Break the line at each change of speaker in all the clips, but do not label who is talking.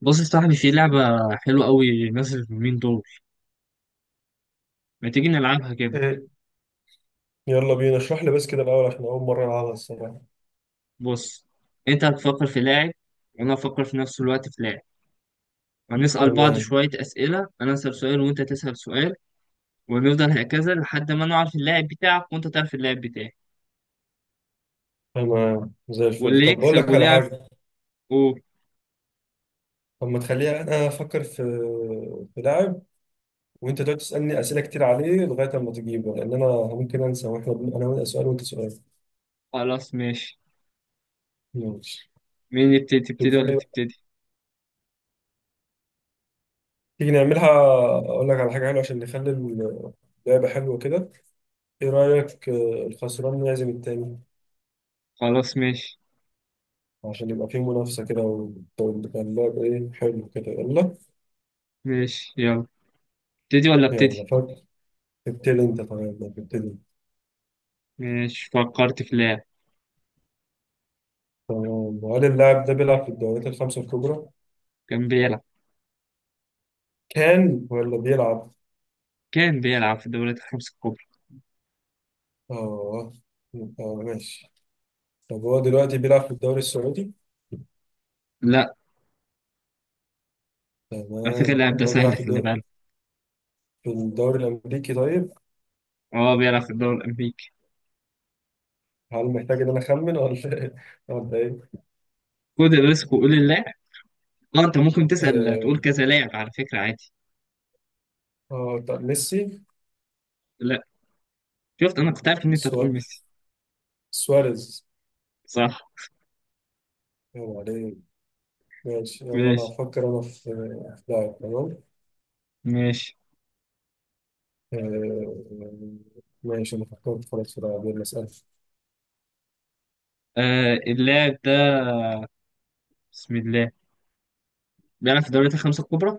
بص يا صاحبي، في لعبة حلوة قوي نازلة اليومين دول. ما تيجي نلعبها كده؟
إيه. يلا بينا اشرح لي بس كده الأول عشان أول مرة ألعبها الصراحة.
بص، انت هتفكر في لاعب، وانا هفكر في نفس الوقت في لاعب. هنسأل بعض
تمام.
شوية أسئلة. أنا أسأل سؤال وأنت تسأل سؤال، ونفضل هكذا لحد ما نعرف اللاعب بتاعك وأنت تعرف اللاعب بتاعي،
تمام زي الفل،
واللي
طب بقول
يكسب
لك على
ولعب.
حاجة.
قول.
طب ما تخليها أنا أفكر في لاعب وأنت تقعد تسألني أسئلة كتير عليه لغاية أما تجيبه، لأن أنا ممكن أنسى، وإحنا أنا وأنت سؤال وأنت سؤال.
خلاص ماشي.
ماشي.
مين يبتدي،
طب
تبتدي
بتقول
ولا
إيه؟
تبتدي؟
تيجي نعملها، أقول لك على حاجة حلوة عشان نخلي اللعبة حلوة كده. إيه رأيك الخسران يعزم التاني،
خلاص ماشي.
عشان يبقى فيه منافسة كده، وتبقى اللعبة حلو كده. يلا.
ماشي يلا، ابتدي ولا
يلا
ابتدي؟
فكر. ابتدي انت طيب، ما تبتدي.
ماشي، فكرت في لاعب.
تمام، وهل اللاعب ده بيلعب في الدوريات الخمسة الكبرى؟
كان بيلعب.
كان ولا بيلعب؟
كان بيلعب في الدوريات الخمس الكبرى.
اه. اه ماشي. طب هو دلوقتي بيلعب في الدوري السعودي؟
لا. على فكرة
تمام.
اللاعب
طب
ده
هو بيلعب
سهل،
في
خلي
الدوري
بالك.
في الدوري الأمريكي طيب؟
اه، بيلعب في الدوري الامريكي.
هل محتاج إن أنا أخمن ولا إيه؟ ولا إيه؟
خد الريسك وقول اللاعب. اه، انت ممكن تسال تقول
اه.
كذا لاعب على فكره، عادي.
طب ميسي.
لا. شفت، انا كنت عارف ان انت هتقول
سوا-
ميسي.
سواريز.
صح.
يلا عليك. ماشي، يلا أنا
ماشي.
هفكر في لاعب، تمام؟
ماشي.
آه، ماشي. أنا فكرت خلاص في لاعب، يلا اسأل.
آه، اللاعب ده، بسم الله، بيلعب في الدوريات الخمسه الكبرى.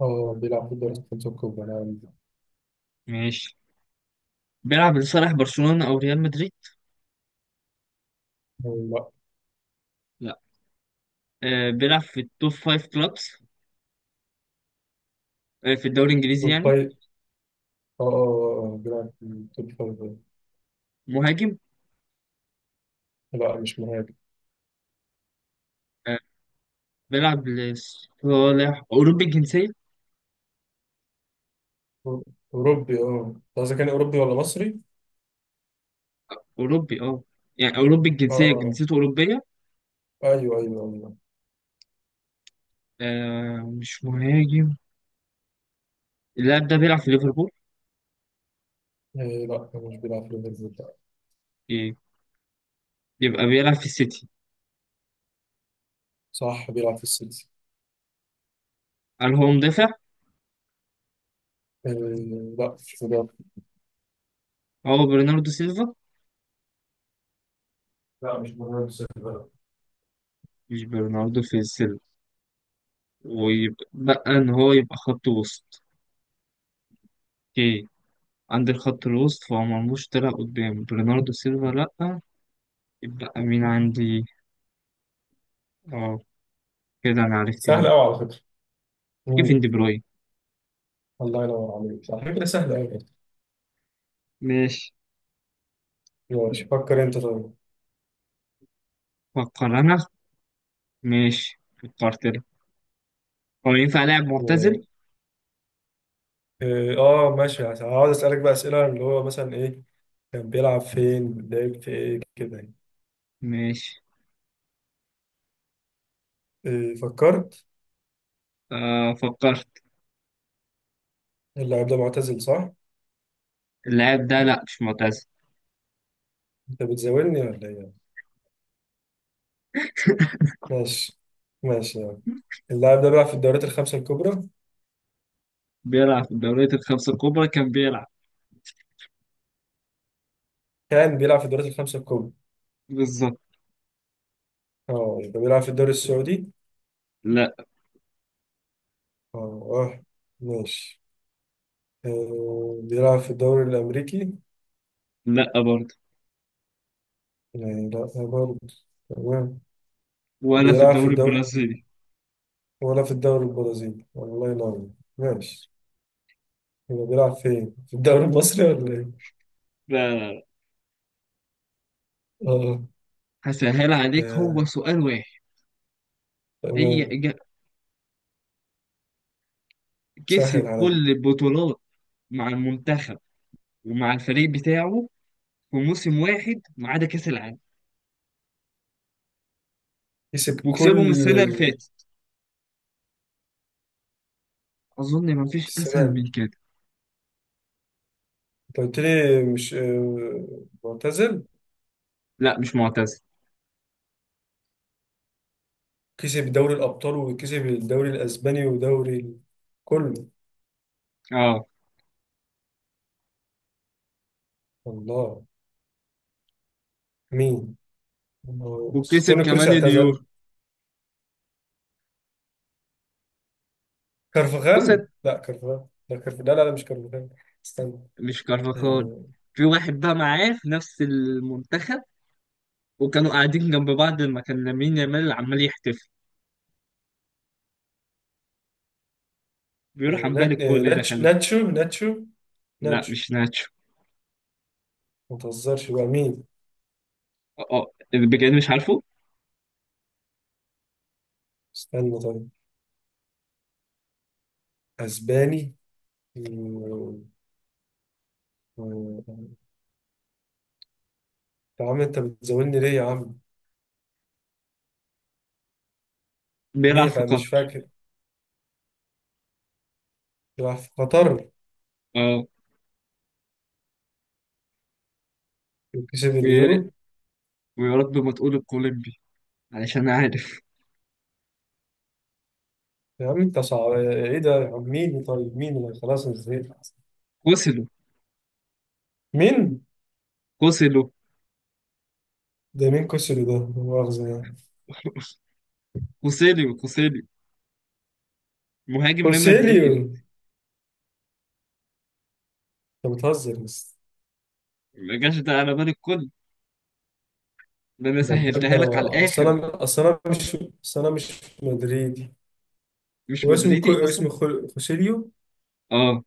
اه بيلعب في الدوري الخمسة الكبرى لا،
ماشي. بيلعب لصالح برشلونه او ريال مدريد.
لا.
لا. آه، بيلعب في التوب فايف كلابس. آه، في الدوري الانجليزي
توب
يعني.
فايف، اه آه، بيلعب في التوب فايف آه.
مهاجم.
لا مش مهاجم.
آه، بيلعب لصالح اوروبي الجنسيه.
أو- أوروبي. اه أنت قصدك كان أوروبي ولا مصري؟
اوروبي، اه. يعني اوروبي الجنسيه،
اه.
جنسيته اوروبيه.
اه أيوه أيوه أيوه.
آه، مش مهاجم. اللاعب ده بيلعب في ليفربول.
إيه لا، هو مش بيلعب في ليفربول لا.
إيه. يبقى بيلعب في السيتي.
صح بيلعب في السيتي.
هل هو مدافع؟
إيه لا مش بيلعب.
هو برناردو سيلفا.
لا مش مهاجم السيتي لا.
مش برناردو في السيلفا. ويبقى بقى ان هو يبقى خط وسط. اوكي. عندي الخط الوسط، فهو مرموش طلع قدام برناردو سيلفا لأ. يبقى مين عندي؟ اه، كده انا عرفت
سهل
مين.
أوي على فكرة.
كيفن
مم.
دي بروين.
الله ينور عليك، على فكرة سهل أوي.
ماشي.
ماشي فكر أنت طيب.
فكر انا. ماشي، فكرت انا. هو ينفع لاعب معتزل.
مم. إيه، اه ماشي، هقعد اسالك بقى اسئله اللي هو مثلا ايه كان بيلعب فين، لعب في ايه كده يعني.
ماشي.
إيه فكرت.
آه، فكرت.
اللاعب ده معتزل صح.
اللاعب ده لأ، مش معتزل.
انت بتزاولني ولا ايه. ماشي. ماشي يعني. اللاعب ده بيلعب في الدوريات الخمسة الكبرى.
بيلعب في الدوريات الخمسة الكبرى كان بيلعب.
كان بيلعب في الدوريات الخمسة الكبرى.
بالظبط.
اه يبقى بيلعب في الدوري السعودي.
لا.
اه. اه ماشي. آه، بيلعب في الدوري الأمريكي.
لا برضه.
يعني لا برضه. تمام.
ولا في
بيلعب في
الدوري
الدوري
البرازيلي.
ولا في الدوري البرازيلي. الله ينور. ماشي. هو بيلعب فين؟ في الدوري المصري ولا ايه؟
لا.
اه.
هسهل عليك، هو
آه.
سؤال واحد. هي
تمام.
إجا-
سهل
كسب
عليا.
كل البطولات مع المنتخب ومع الفريق بتاعه في موسم واحد ما عدا كأس العالم،
كسب
وكسبهم
كل
السنة اللي فاتت. أظن ما فيش أسهل
السنة.
من كده.
انت قلت لي مش آه، معتزل.
لا، مش معتزل.
كسب دوري الأبطال وكسب الدوري الأسباني ودوري كله.
اه،
الله. مين؟ الله. بس
وكسب
توني كروس
كمان اليورو.
اعتزل.
بص،
كارفغال، لا كارفغال، لا كارفغال، لا لا لا، مش كارفغال. استنى.
مش كارفاخال.
آه،
في واحد بقى معاه في نفس المنتخب، وكانوا قاعدين جنب بعض لما كان لامين يامال عمال يحتفل،
آه،
بيروح عمال
نات- آه،
الكل ده،
ناتش-
خلي بالك.
ناتشو ناتشو
لا
ناتشو.
مش ناتشو.
ما تهزرش بقى، مين؟
اه، اللي بجد مش عارفه.
استنى طيب. أسباني. آه، آه، يا عم انت بتزولني ليه يا عم.
بيلعب في
ميخا مش
قطر.
فاكر. راح في قطر.
اه.
كسب
ويا
اليورو.
ريت- ويا رب ما تقول الكولومبي، علشان عارف.
يا عم انت صعب ايه ده يا عم، مين طيب، مين اللي، خلاص أنا زهقت.
كوسيلو.
مين؟
كوسيلو.
ده مين كوسيلي ده، لا مؤاخذة يعني.
كوسيليو. كوسيليو. مهاجم ريال مدريد.
كوسيليو. انت بتهزر بس.
ما جاش ده على بال الكل. ده انا
ده بجد
سهلتها لك على
انا اصل
الاخر.
انا اصل انا مش، اصل انا مش مدريدي.
مش
واسم كو...
مدريدي اصلا.
اسم خل... كوسيليو.
اه،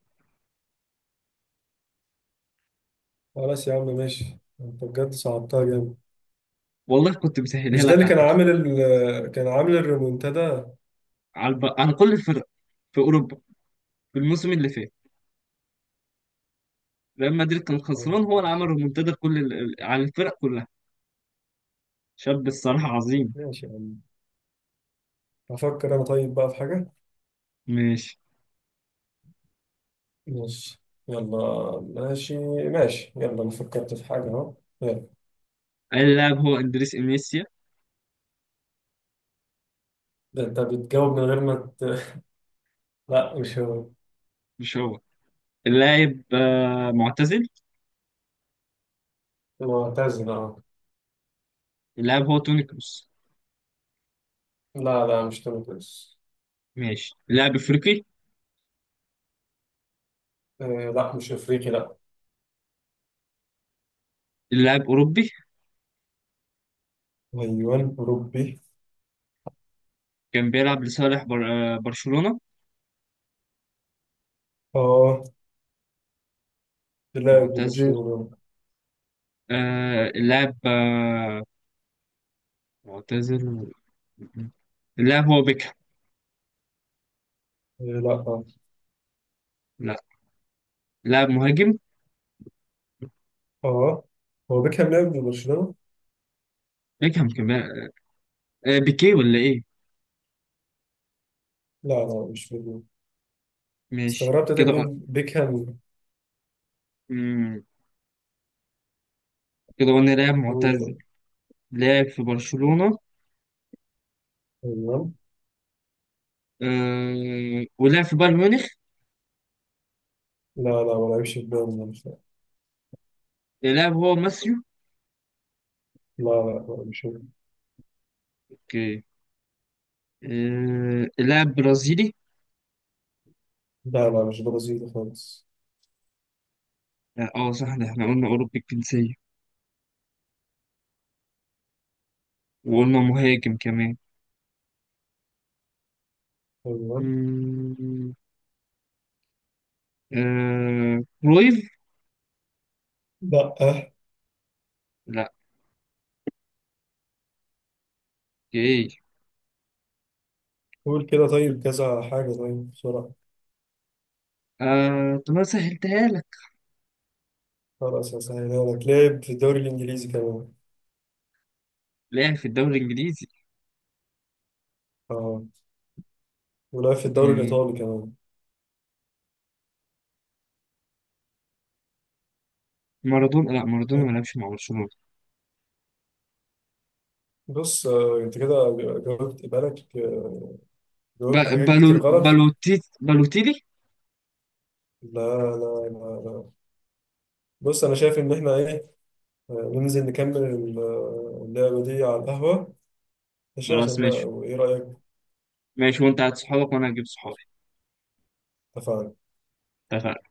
خلاص يا عم ماشي. انت بجد صعبتها جامد.
والله كنت مسهلها
مش ده
لك
اللي
على
كان
الاخر.
عامل كان عامل الريمونتادا.
على كل الفرق في اوروبا في الموسم اللي فات. ريال مدريد كان
طيب
خسران، هو اللي عمل
ماشي.
ريمونتادا على الفرق كلها. شاب الصراحه عظيم.
ماشي يا عم. أفكر أنا طيب بقى في حاجة.
ماشي.
ماشي. يلا. ماشي. ماشي يلا، أنا فكرت في حاجة أهو. يلا.
اللاعب هو اندريس انيسيا.
ده أنت بتجاوب من غير ما ت... لا مش هو.
مش هو. اللاعب معتزل.
معتزل أه.
اللاعب هو توني كروس.
لا لا مش تونس.
ماشي. اللاعب افريقي.
آه. لا مش أفريقي لا.
اللاعب اوروبي.
أيوة أوروبي.
كان بيلعب لصالح بر... آه، برشلونة.
أه. لاعب
معتزل.
لبرشلونة.
اللاعب معتزل. اللاعب هو بيكهام.
آه لا أه.
لا. اللاعب مهاجم.
أه. هو بيكهام لاعب لبرشلونة؟
بيكهام كان بيلعب. بيكيه ولا ايه؟
لا لا مش بيكهام.
ماشي
استغربت أنت
كده.
بتقول بيكهام.
مم. كده قلنا لاعب
هو
معتزل.
ده.
لاعب في برشلونة.
أيوة.
ولاعب في بايرن ميونخ.
لا لا ما لعبش في بالي.
اللاعب هو ماسيو.
لا لا لا مش هو.
اوكي. اللاعب برازيلي.
لا لا مش برازيلي خالص.
لا، اه، صح، ده احنا قلنا أوروبي الجنسية، وقلنا مهاجم كمان.
تمام.
مم، كرويف.
لا أه.
لا. ايه.
قول كده طيب كذا حاجة طيب بسرعة.
طب انا سهلتها لك.
خلاص هسهلها لك، لعب في الدوري الإنجليزي كمان.
لعب في الدوري الانجليزي.
اه. ولعب في الدوري
مم،
الإيطالي كمان.
مارادونا، لا مارادونا ما لعبش مع برشلونة.
بص آه، انت كده جاوبت، بالك آه،
ب...
جاوبت حاجات كتير
بالو...
غلط.
بالوتي... بالوتيلي
لا لا لا, لا. بص انا شايف ان احنا ايه آه، ننزل نكمل اللعبة دي على القهوة، ماشي؟ عشان
خلاص ماشي.
ما ايه رأيك.
ماشي، وانت هات صحابك وانا هجيب صحابي.
اتفقنا.
اتفقنا.